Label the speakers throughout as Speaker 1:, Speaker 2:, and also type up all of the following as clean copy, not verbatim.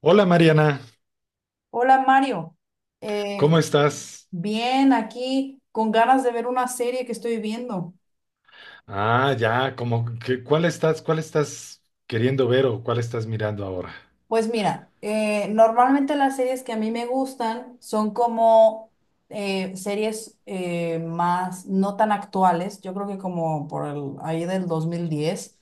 Speaker 1: Hola Mariana,
Speaker 2: Hola Mario,
Speaker 1: ¿cómo
Speaker 2: Eh,
Speaker 1: estás?
Speaker 2: bien aquí con ganas de ver una serie que estoy viendo.
Speaker 1: Ah, ya, como que, cuál estás queriendo ver o cuál estás mirando ahora?
Speaker 2: Pues mira, normalmente las series que a mí me gustan son como series más no tan actuales. Yo creo que como por el, ahí del 2010.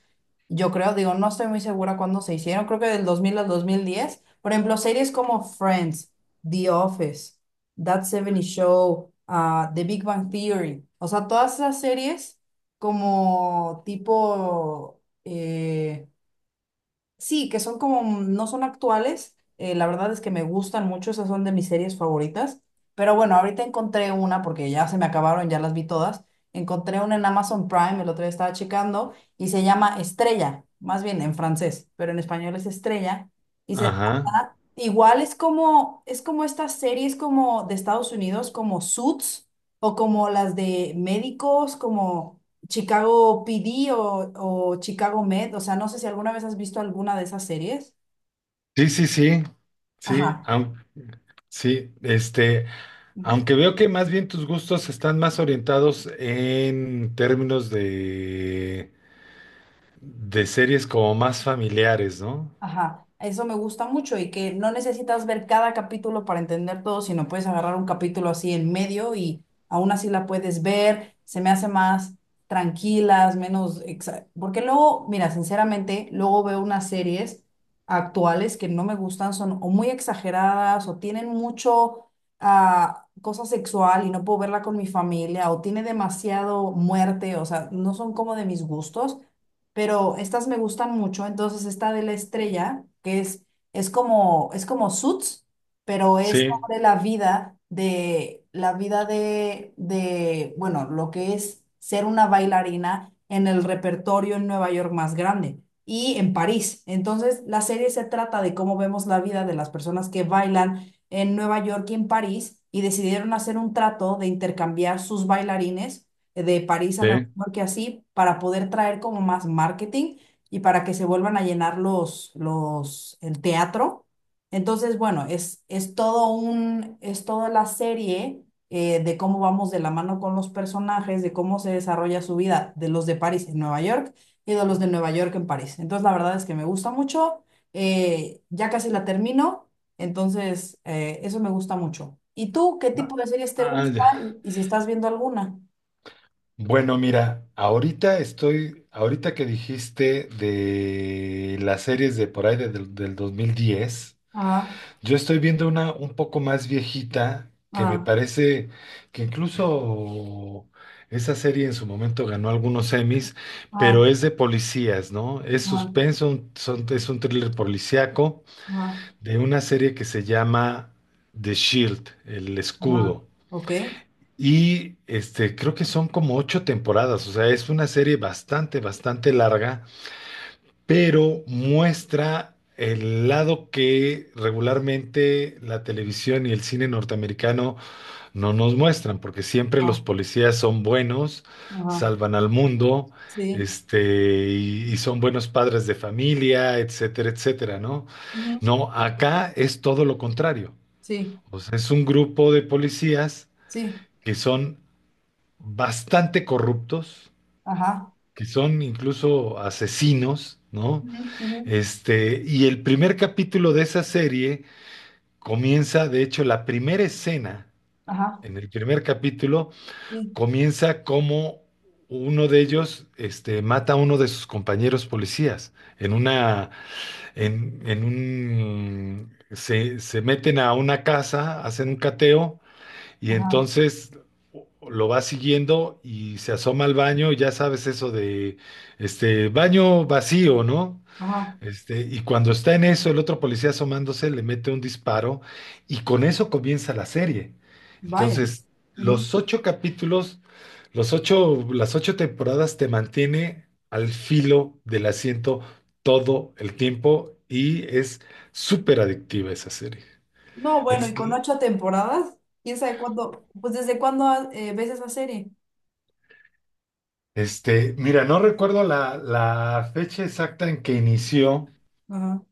Speaker 2: Yo creo, digo, no estoy muy segura cuándo se hicieron, creo que del 2000 al 2010. Por ejemplo, series como Friends, The Office, That 70 Show, The Big Bang Theory. O sea, todas esas series como tipo, sí, que son como, no son actuales. La verdad es que me gustan mucho, esas son de mis series favoritas. Pero bueno, ahorita encontré una, porque ya se me acabaron, ya las vi todas. Encontré una en Amazon Prime, el otro día estaba checando, y se llama Estrella, más bien en francés, pero en español es Estrella. Y se
Speaker 1: Ajá.
Speaker 2: trata, igual es como estas series como de Estados Unidos, como Suits, o como las de médicos, como Chicago PD o Chicago Med. O sea, no sé si alguna vez has visto alguna de esas series.
Speaker 1: Sí, sí, sí. Sí,
Speaker 2: Ajá.
Speaker 1: sí, este, aunque veo que más bien tus gustos están más orientados en términos de series como más familiares, ¿no?
Speaker 2: Ajá, eso me gusta mucho y que no necesitas ver cada capítulo para entender todo, sino puedes agarrar un capítulo así en medio y aún así la puedes ver. Se me hace más tranquilas. Porque luego, mira, sinceramente, luego veo unas series actuales que no me gustan, son o muy exageradas o tienen mucho cosa sexual y no puedo verla con mi familia, o tiene demasiado muerte. O sea, no son como de mis gustos, pero estas me gustan mucho. Entonces, esta de la estrella, que es, es como Suits, pero es
Speaker 1: Sí,
Speaker 2: sobre la vida de, bueno, lo que es ser una bailarina en el repertorio en Nueva York más grande y en París. Entonces, la serie se trata de cómo vemos la vida de las personas que bailan en Nueva York y en París, y decidieron hacer un trato de intercambiar sus bailarines de París a Nueva
Speaker 1: sí.
Speaker 2: York y así, para poder traer como más marketing y para que se vuelvan a llenar el teatro. Entonces, bueno, es toda la serie, de cómo vamos de la mano con los personajes, de cómo se desarrolla su vida, de los de París en Nueva York y de los de Nueva York en París. Entonces, la verdad es que me gusta mucho. Ya casi la termino, entonces eso me gusta mucho. ¿Y tú qué
Speaker 1: Ah,
Speaker 2: tipo de series te gusta
Speaker 1: ya.
Speaker 2: y si estás viendo alguna?
Speaker 1: Bueno, mira, ahorita que dijiste de las series de por ahí del 2010.
Speaker 2: Ah,
Speaker 1: Yo estoy viendo una un poco más viejita que me
Speaker 2: ah,
Speaker 1: parece que incluso esa serie en su momento ganó algunos Emmys, pero
Speaker 2: ah,
Speaker 1: es de policías, ¿no? Es
Speaker 2: ah,
Speaker 1: suspenso, es un thriller policíaco
Speaker 2: ah,
Speaker 1: de una serie que se llama The Shield, el
Speaker 2: ah,
Speaker 1: escudo.
Speaker 2: ok,
Speaker 1: Y creo que son como ocho temporadas, o sea, es una serie bastante, bastante larga, pero muestra el lado que regularmente la televisión y el cine norteamericano no nos muestran, porque siempre los
Speaker 2: ah,
Speaker 1: policías son buenos,
Speaker 2: ajá,
Speaker 1: salvan al mundo,
Speaker 2: sí,
Speaker 1: y son buenos padres de familia, etcétera, etcétera, ¿no?
Speaker 2: ujú,
Speaker 1: No, acá es todo lo contrario.
Speaker 2: sí,
Speaker 1: O sea, es un grupo de policías
Speaker 2: sí,
Speaker 1: que son bastante corruptos,
Speaker 2: ajá,
Speaker 1: que son incluso asesinos, ¿no?
Speaker 2: ujú, ujú,
Speaker 1: Y el primer capítulo de esa serie comienza, de hecho, la primera escena
Speaker 2: ajá,
Speaker 1: en el primer capítulo
Speaker 2: sí,
Speaker 1: comienza como uno de ellos mata a uno de sus compañeros policías en una, en un, se meten a una casa, hacen un cateo. Y
Speaker 2: ajá,
Speaker 1: entonces lo va siguiendo y se asoma al baño, y ya sabes eso de este baño vacío, ¿no?
Speaker 2: ajá,
Speaker 1: Y cuando está en eso, el otro policía asomándose le mete un disparo y con eso comienza la serie.
Speaker 2: vaya.
Speaker 1: Entonces,
Speaker 2: Ujú.
Speaker 1: los ocho capítulos, los ocho, las ocho temporadas te mantiene al filo del asiento todo el tiempo y es súper adictiva esa serie.
Speaker 2: No, bueno,
Speaker 1: Es,
Speaker 2: y con 8 temporadas, quién sabe cuándo, pues desde cuándo ves esa serie.
Speaker 1: Mira, no recuerdo la fecha exacta en que inició,
Speaker 2: Ajá,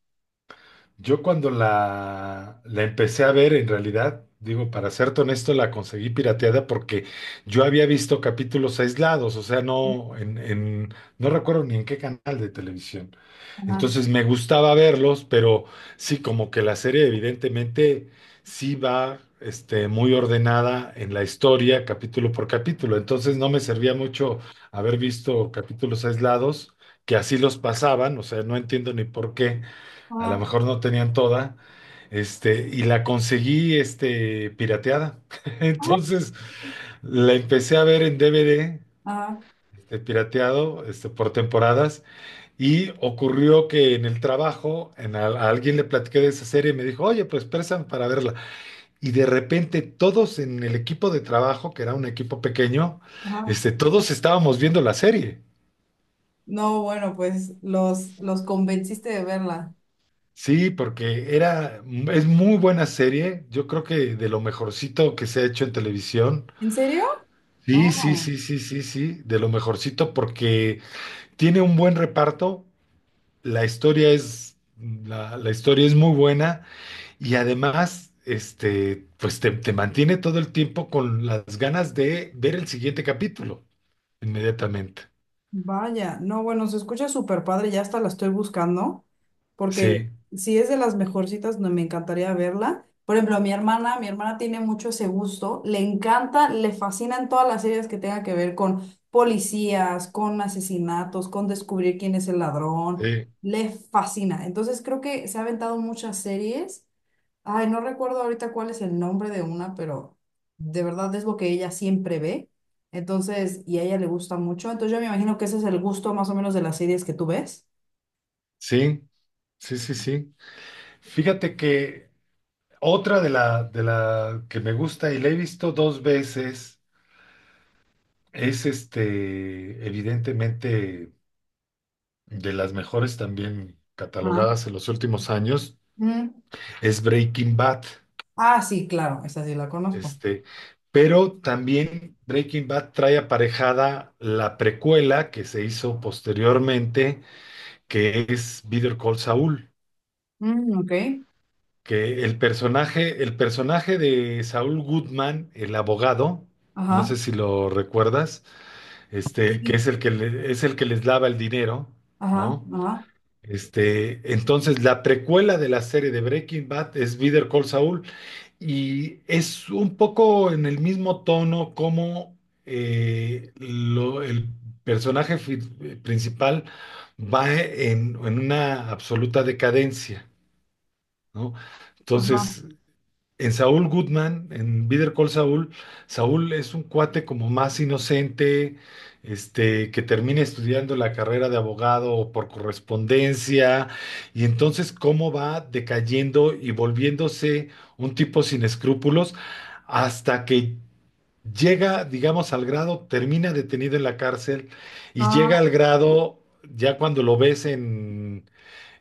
Speaker 1: yo cuando la empecé a ver, en realidad, digo, para serte honesto, la conseguí pirateada porque yo había visto capítulos aislados, o sea, no recuerdo ni en qué canal de televisión.
Speaker 2: ajá,
Speaker 1: Entonces me gustaba verlos, pero sí, como que la serie evidentemente sí va, muy ordenada en la historia, capítulo por capítulo. Entonces no me servía mucho haber visto capítulos aislados, que así los pasaban, o sea, no entiendo ni por qué a lo
Speaker 2: ajá,
Speaker 1: mejor no tenían toda. Y la conseguí, pirateada. Entonces, la empecé a ver en DVD,
Speaker 2: ajá,
Speaker 1: pirateado, por temporadas. Y ocurrió que en el trabajo, alguien le platiqué de esa serie y me dijo, oye, pues préstame para verla. Y de repente todos en el equipo de trabajo, que era un equipo pequeño,
Speaker 2: ajá.
Speaker 1: todos estábamos viendo la serie.
Speaker 2: No, bueno, pues los convenciste de verla.
Speaker 1: Sí, porque es muy buena serie. Yo creo que de lo mejorcito que se ha hecho en televisión.
Speaker 2: ¿En serio?
Speaker 1: Sí, sí,
Speaker 2: No.
Speaker 1: sí, sí, sí, sí, de lo mejorcito porque tiene un buen reparto. La, la historia es muy buena y además, pues te mantiene todo el tiempo con las ganas de ver el siguiente capítulo inmediatamente.
Speaker 2: Vaya, no, bueno, se escucha súper padre, ya hasta la estoy buscando, porque
Speaker 1: Sí,
Speaker 2: si es de las mejorcitas, no, me encantaría verla. Por ejemplo, mi hermana tiene mucho ese gusto, le encanta, le fascinan todas las series que tengan que ver con policías, con asesinatos, con descubrir quién es el ladrón,
Speaker 1: sí,
Speaker 2: le fascina. Entonces creo que se ha aventado muchas series. Ay, no recuerdo ahorita cuál es el nombre de una, pero de verdad es lo que ella siempre ve. Entonces, y a ella le gusta mucho. Entonces, yo me imagino que ese es el gusto más o menos de las series que tú ves.
Speaker 1: sí, sí, sí, sí. Fíjate que otra de la que me gusta y la he visto dos veces es evidentemente, de las mejores también
Speaker 2: Ajá.
Speaker 1: catalogadas en los últimos años,
Speaker 2: Mm.
Speaker 1: es Breaking Bad.
Speaker 2: Ah, sí, claro, esa sí la conozco.
Speaker 1: Este, pero también Breaking Bad trae aparejada la precuela que se hizo posteriormente, que es Better Call Saul,
Speaker 2: Mm, ok.
Speaker 1: que el personaje de Saul Goodman, el abogado, no sé
Speaker 2: Ajá.
Speaker 1: si lo recuerdas, que
Speaker 2: Sí.
Speaker 1: es el que es el que les lava el dinero,
Speaker 2: Ajá.
Speaker 1: ¿no?
Speaker 2: Ajá.
Speaker 1: Entonces la precuela de la serie de Breaking Bad es Better Call Saul y es un poco en el mismo tono como el principal va en una absoluta decadencia, ¿no? Entonces en Saúl Goodman, en Better Call Saúl, Saúl es un cuate como más inocente, que termina estudiando la carrera de abogado por correspondencia, y entonces cómo va decayendo y volviéndose un tipo sin escrúpulos hasta que llega, digamos, al grado, termina detenido en la cárcel y llega
Speaker 2: Ajá.
Speaker 1: al grado, ya cuando lo ves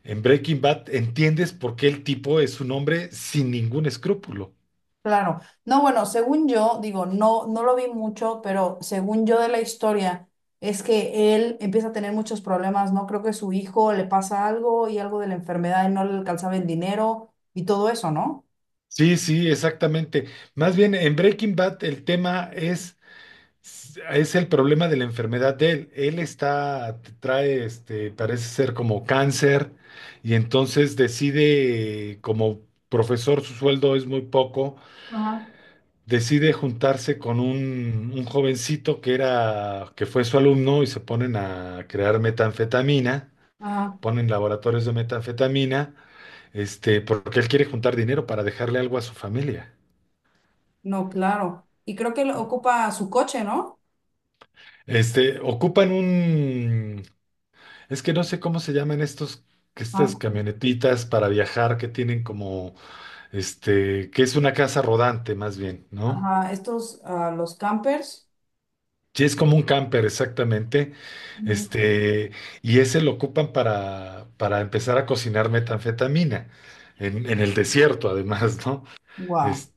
Speaker 1: en Breaking Bad, entiendes por qué el tipo es un hombre sin ningún escrúpulo.
Speaker 2: Claro. No, bueno, según yo, digo, no, no lo vi mucho, pero según yo de la historia, es que él empieza a tener muchos problemas, ¿no? Creo que su hijo le pasa algo y algo de la enfermedad y no le alcanzaba el dinero y todo eso, ¿no?
Speaker 1: Sí, sí, exactamente. Más bien, en Breaking Bad es el problema de la enfermedad de él. Trae, parece ser como cáncer y entonces decide, como profesor, su sueldo es muy poco,
Speaker 2: Ajá,
Speaker 1: decide juntarse con un jovencito que que fue su alumno y se ponen a crear metanfetamina,
Speaker 2: ajá,
Speaker 1: ponen laboratorios de metanfetamina, porque él quiere juntar dinero para dejarle algo a su familia.
Speaker 2: no, claro. Y creo que lo ocupa su coche, ¿no?
Speaker 1: Ocupan un, es que no sé cómo se llaman estos, que estas
Speaker 2: Am-
Speaker 1: camionetitas para viajar que tienen como, que es una casa rodante más bien, ¿no?
Speaker 2: Ajá, estos, los campers.
Speaker 1: Sí, es como un camper, exactamente. Este, y ese lo ocupan para empezar a cocinar metanfetamina en el desierto, además, ¿no?
Speaker 2: Wow.
Speaker 1: Es-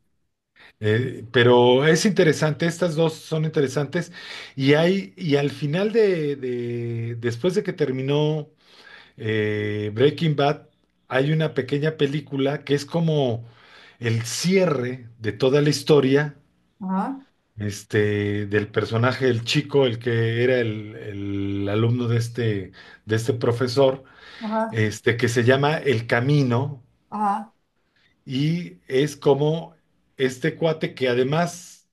Speaker 1: pero es interesante, estas dos son interesantes. Y al final después de que terminó Breaking Bad, hay una pequeña película que es como el cierre de toda la historia,
Speaker 2: Ajá,
Speaker 1: del personaje, el chico, el que era el alumno de este profesor,
Speaker 2: ajá,
Speaker 1: que se llama El Camino,
Speaker 2: ajá.
Speaker 1: y es como este cuate que además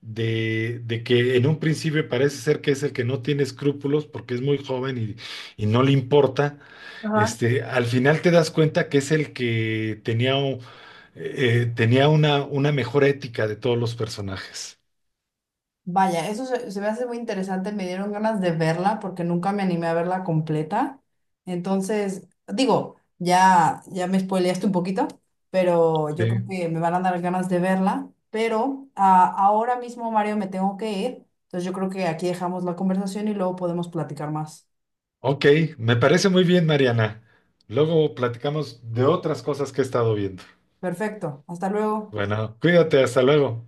Speaker 1: de que en un principio parece ser que es el que no tiene escrúpulos porque es muy joven y no le importa,
Speaker 2: Ajá.
Speaker 1: al final te das cuenta que es el que tenía, tenía una mejor ética de todos los personajes.
Speaker 2: Vaya, eso se me hace muy interesante. Me dieron ganas de verla porque nunca me animé a verla completa. Entonces, digo, ya, ya me spoileaste un poquito, pero yo creo
Speaker 1: Sí.
Speaker 2: que me van a dar ganas de verla. Pero ahora mismo, Mario, me tengo que ir. Entonces, yo creo que aquí dejamos la conversación y luego podemos platicar más.
Speaker 1: Ok, me parece muy bien, Mariana. Luego platicamos de otras cosas que he estado viendo.
Speaker 2: Perfecto. Hasta luego.
Speaker 1: Bueno, cuídate, hasta luego.